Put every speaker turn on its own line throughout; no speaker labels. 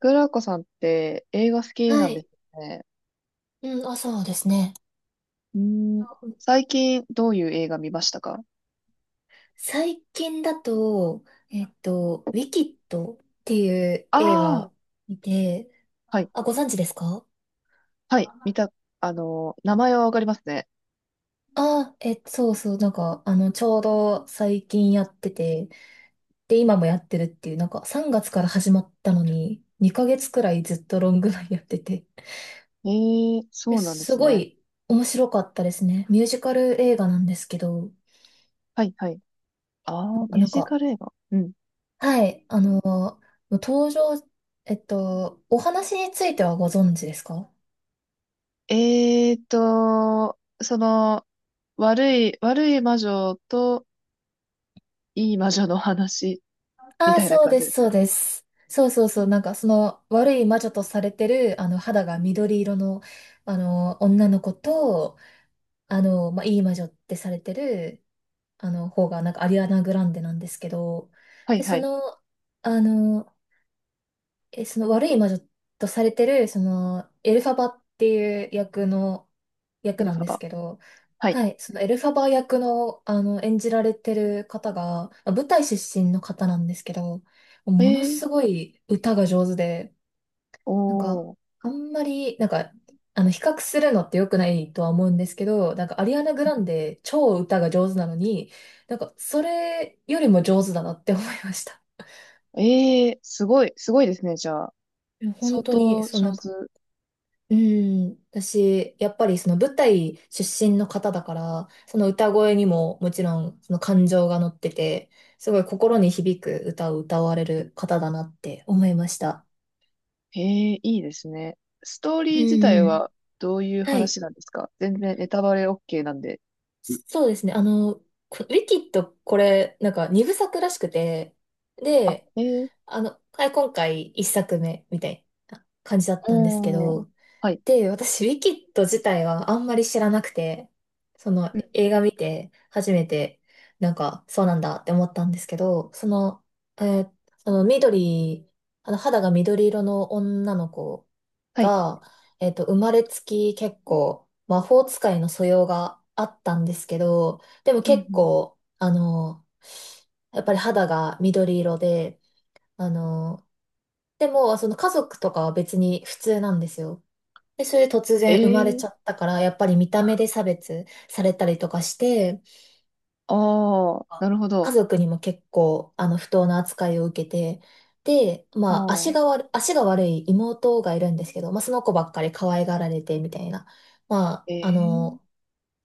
グラコさんって映画好きな
は
んです
い。
よね。
うん、あ、そうですね。
うーん、
あうん
最近どういう映画見ましたか？
最近だと、ウィキッドっていう映
ああー、
画見て、
はい、
あ、ご存知ですか？
はい、見た、名前はわかりますね。
あえ、そうそう、なんか、あの、ちょうど最近やってて、で、今もやってるっていう、なんか3月から始まったのに、2ヶ月くらいずっとロングランやってて、
ええ、そうなんで
す
す
ご
ね。
い面白かったですね。ミュージカル映画なんですけど、
はい、はい。ああ、ミュー
なん
ジ
か、
カル映画。うん。
はい、あの、登場、お話についてはご存知ですか？
その、悪い魔女といい魔女の話み
ああー、
たいな
そう
感じ
で
で
す、
す
そう
か？
です。そうそうそう、なんかその悪い魔女とされてる、あの、肌が緑色の、あの、女の子と、あの、まあ、いい魔女ってされてる、あの、方が、なんかアリアナ・グランデなんですけど、
はい、
で、
は
そ
い。
の、あの、その悪い魔女とされてる、その、エルファバっていう
エ
役
ル
な
フ
ん
ァ
です
バ。
けど、
はい。
はい、そのエルファバ役の、あの、演じられてる方が、まあ舞台出身の方なんですけど、
え
もの
ー、
すごい歌が上手で、なんか、
おー、
あんまり、なんか、あの、比較するのって良くないとは思うんですけど、なんか、アリアナ・グランデ、超歌が上手なのに、なんか、それよりも上手だなって思いました。
えー、すごい、すごいですね、じゃあ。
いや本
相
当に、
当
そう、な
上
んか、
手。
うん、私、やっぱりその舞台出身の方だから、その歌声にももちろんその感情が乗ってて、すごい心に響く歌を歌われる方だなって思いました。
ええ、いいですね。ストーリ
う
ー
ん
自体
うん。
はどういう
はい。
話なんですか？全然ネタバレ OK なんで。
そうですね。あの、ウィキッド、これ、なんか二部作らしくて、
あ、
で、
ええ、
あの、はい、今回一作目みたいな感じだったんですけ
おー、
ど、
はい、
で、私、ウィキッド自体はあんまり知らなくて、その
うん、
映画見て初めて、なんか、そうなんだって思ったんですけど、その、えーその緑、あの肌が緑色の女の子
はい。
が、生まれつき結構魔法使いの素養があったんですけど、でも
うんう
結
ん、
構、あの、やっぱり肌が緑色で、あの、でも、その家族とかは別に普通なんですよ。で、それで突
え
然生まれちゃ
え、
ったから、やっぱり見た目で差別されたりとかして、
ああ、なるほ
家
ど。
族にも結構、あの、不当な扱いを受けて、で、
あ
まあ、
あ、
足が悪い妹がいるんですけど、まあ、その子ばっかり可愛がられて、みたいな。ま
え
あ、あ
え、
の、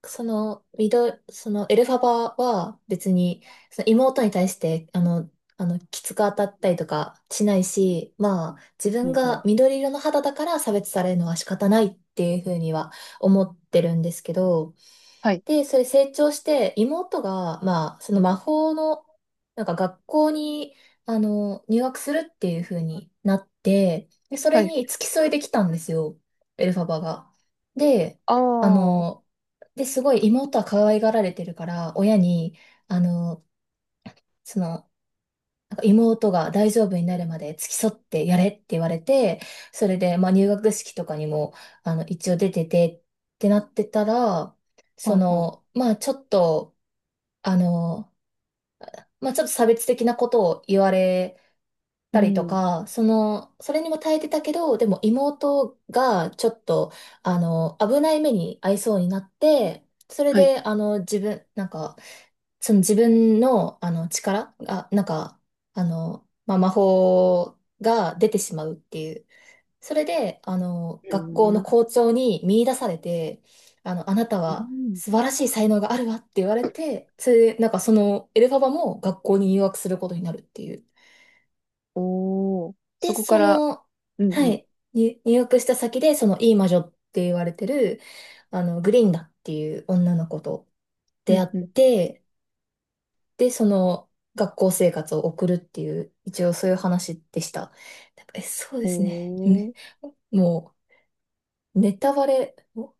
その、その、エルファバは別に、その妹に対して、あの、きつく当たったりとかしないし、まあ、自
う
分
んうん、
が緑色の肌だから差別されるのは仕方ないっていうふうには思ってるんですけど、
はい、
で、それ成長して、妹が、まあ、その魔法の、なんか学校に、あの、入学するっていう風になって、で、そ
は
れ
い、
に付き添いできたんですよ、エルファバが。で、
ああ、
あ
は
の、で、すごい妹は可愛がられてるから、親に、あの、その、なんか妹が大丈夫になるまで付き添ってやれって言われて、それで、まあ、入学式とかにも、あの、一応出ててってなってたら、そ
は、
の、まあ、ちょっと、あの、まあ、ちょっと差別的なことを言われ
うう
たりと
ん、
か、その、それにも耐えてたけど、でも妹がちょっと、あの、危ない目に遭いそうになって、それ
はい、
で、あの、自分、なんか、その自分の、あの、力が、なんか、あの、まあ、魔法が出てしまうっていう。それで、あの、
う
学校の
ん、
校長に見出されて、あの、あなた
う
は
ん、
素晴らしい才能があるわって言われて、それで、なんかそのエルファバも学校に入学することになるっていう。
おー、そ
で、
こか
そ
ら、
の、
う
は
ん、
い、に入学した先で、そのいい魔女って言われてる、あの、グリンダっていう女の子と
う
出会
ん、
っ
うん、うん、
て、で、その学校生活を送るっていう、一応そういう話でした。なんかそうで
お
すね。ね
ー、
もう、ネタバレ、お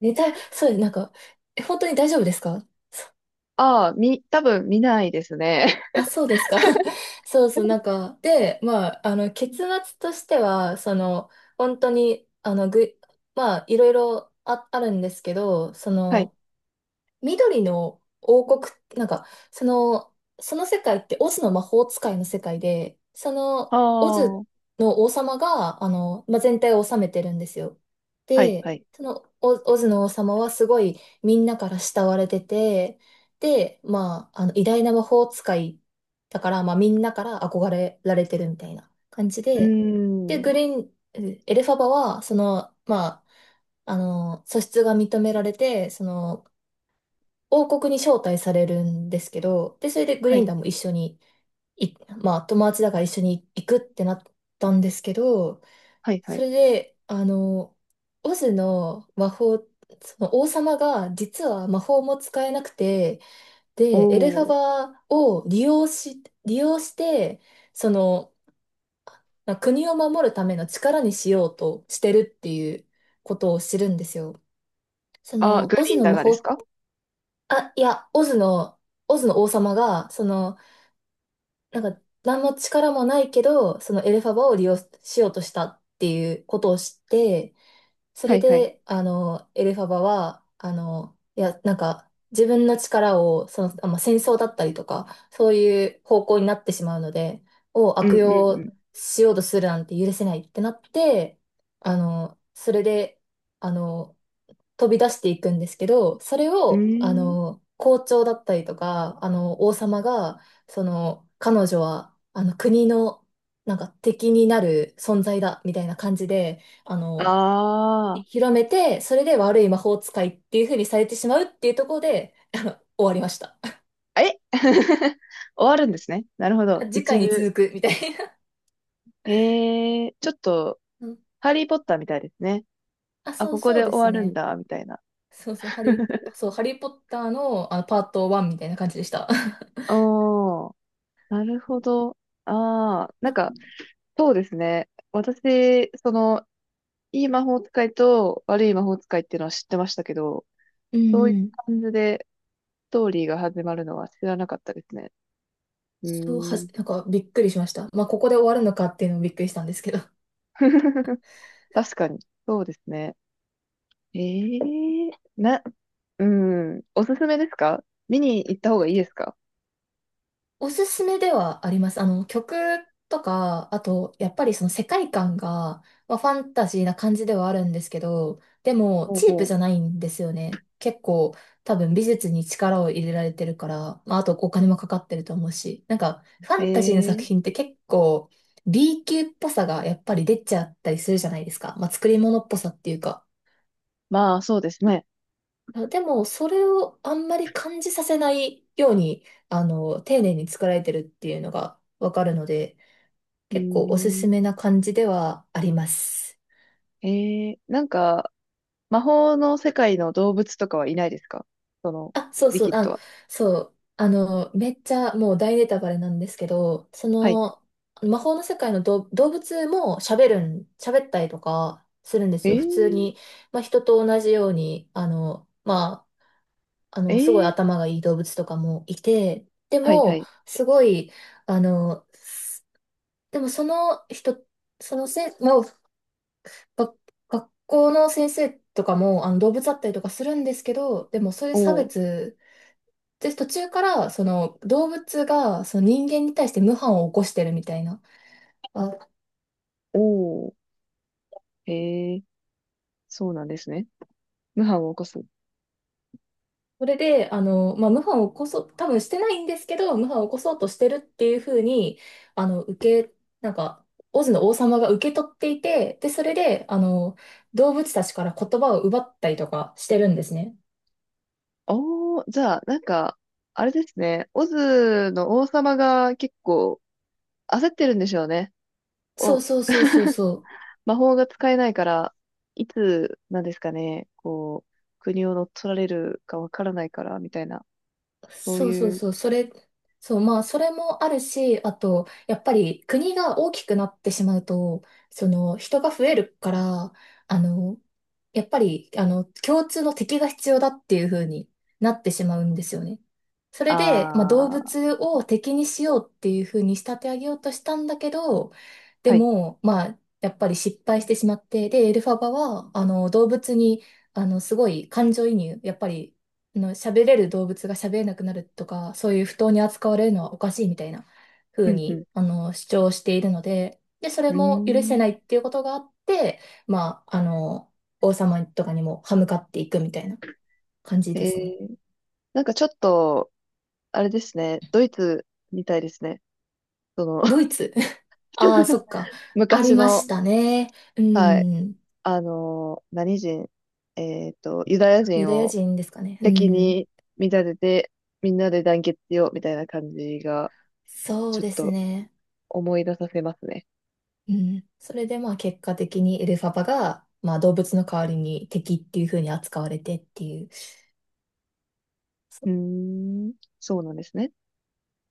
ネタ、そうです。なんか、え、本当に大丈夫ですか？そ
ああ、多分見ないですね。
あ、そうですか？ そうそう、なんか、で、まあ、あの、結末としては、その、本当に、あの、まあ、いろいろあ、あるんですけど、そ
はい、
の、緑の王国、なんか、その、その世界ってオズの魔法使いの世界で、そ
あ
の、オ
あ、
ズ
は
の王様が、あの、まあ、全体を治めてるんですよ。
いは
で、
い。
その、オズの王様はすごいみんなから慕われてて、で、まあ、あの、偉大な魔法使いだから、まあ、みんなから憧れられてるみたいな感じ
うー
で、で、グ
ん。
リーン、えエルファバは、その、まあ、あの、素質が認められて、その、王国に招待されるんですけど、で、それでグ
は
リン
い、
ダムも一緒に、い、まあ、友達だから一緒に行くってなったんですけど、
はい、は
そ
い。
れで、あの、オズの魔法、その王様が実は魔法も使えなくて、
お
で、エルファ
お。
バを利用して、その、まあ国を守るための力にしようとしてるっていうことを知るんですよ。そ
あ、
の、
グ
オズ
リーン
の
だ
魔
がです
法
か？
あ、いや、オズの王様が、その、なんか、何の力もないけど、そのエルファバを利用しようとしたっていうことを知って、そ
は
れ
いはい。
で、あの、エルファバは、あの、いや、なんか、自分の力を、その、あ、まあ、戦争だったりとか、そういう方向になってしまうので、を
う
悪用
ん
しようとするなんて許せないってなって、あの、それで、あの、飛び出していくんですけど、それ
うんうん。
を、
う
あ
ーん。
の、校長だったりとか、あの、王様が、その、彼女は、あの、国の、なんか敵になる存在だ、みたいな感じで、あ
あ
の、広めて、それで悪い魔法使いっていう風にされてしまうっていうところで終わりました。
あ。え 終わるんですね。なるほど。
次
一
回に
部。
続く、みたいな。
へえ、ちょっと、
うん、
ハリーポッターみたいですね。
あ、
あ、
そう
ここ
そう
で
で
終
す
わるん
ね。
だ、みたいな。
そうそう、ハリー、そう、ハリーポッターの、あの、パート1みたいな感じでした。
おー、なるほど。ああ、なん
な
か、そうですね。私、その、いい魔法使いと悪い魔法使いっていうのは知ってましたけど、
うんうん。
漢字でストーリーが始まるのは知らなかったですね。う
そうは
ー
じ
ん。
なんかびっくりしました。まあ、ここで終わるのかっていうのもびっくりしたんですけど。
確かに。そうですね。ええ、な、うん。おすすめですか？見に行った方がいいですか？
おすすめではあります。あの、曲とか、あと、やっぱりその世界観が、まあ、ファンタジーな感じではあるんですけど、でも、
ほう
チープ
ほう。
じゃないんですよね。結構、多分美術に力を入れられてるから、まあ、あとお金もかかってると思うし、なんか、ファンタジーの作
ええ、
品って結構、B 級っぽさがやっぱり出ちゃったりするじゃないですか。まあ、作り物っぽさっていうか。
まあ、そうですね。
でも、それをあんまり感じさせないように、あの、丁寧に作られてるっていうのがわかるので、
うー
結構おすすめ
ん。
な感じではあります。
ええ、なんか、魔法の世界の動物とかはいないですか？その、
あ、そう
リ
そう、
キッド
あ、
は。
そう、あの、めっちゃもう大ネタバレなんですけど、そ
はい。
の、魔法の世界の動物も喋るん、喋ったりとかするんで
え
すよ。普通
え、
に、まあ、人と同じように、あの、あ
え
の、すごい
え、
頭がいい動物とかもいて、で
はいは
も、
い。
すごい、あの、でもその人、そのせん、まあ、が学校の先生とかも、あの、動物だったりとかするんですけど、でもそういう
お
差
お、
別、で、途中から、その、動物が、その人間に対して無反を起こしてるみたいな、あ、
おお、ええ、そうなんですね。無反を起こす。
それで、あの、まあ、謀反を起こそう、多分してないんですけど、謀反を起こそうとしてるっていうふうに、あの、なんか、オズの王様が受け取っていて、で、それで、あの、動物たちから言葉を奪ったりとかしてるんですね。
おー、じゃあ、なんか、あれですね。オズの王様が結構焦ってるんでしょうね。
そう
お、
そうそうそうそう。
魔法が使えないから、いつ、なんですかね、こう、国を乗っ取られるかわからないから、みたいな、そう
そうそう
いう、
そう。そう、まあ、それもあるし、あと、やっぱり国が大きくなってしまうと、その、人が増えるから、あの、やっぱり、あの、共通の敵が必要だっていう風になってしまうんですよね。そ
あ
れで、まあ、動
ー、
物を敵にしようっていう風に仕立て上げようとしたんだけど、で
はい。
も、まあ、やっぱり失敗してしまって、で、エルファバは、あの、動物に、あの、すごい感情移入、やっぱり、あの、喋れる動物が喋れなくなるとか、そういう不当に扱われるのはおかしいみたいな
う
風
ん、うん。
に、あの、主張しているので、で、それ
うー
も許せ
ん。
ないっていうことがあって、まあ、あの、王様とかにも歯向かっていくみたいな感じで
え
すね。
ー、なんかちょっと、あれですね。ドイツみたいですね。その、
ド イツ。 ああ、そっか。あり
昔
まし
の、
たね。う
はい。
ん。
あのー何人、えっと、ユダヤ
ユ
人
ダヤ
を、
人ですかね。う
敵
ん。
に見立てて、みんなで団結しようみたいな感じが、
そう
ちょっ
です
と
ね。
思い出させますね。
うん。それでまあ結果的にエルファバが、まあ動物の代わりに敵っていう風に扱われてっていう。
うーん、そうなんですね。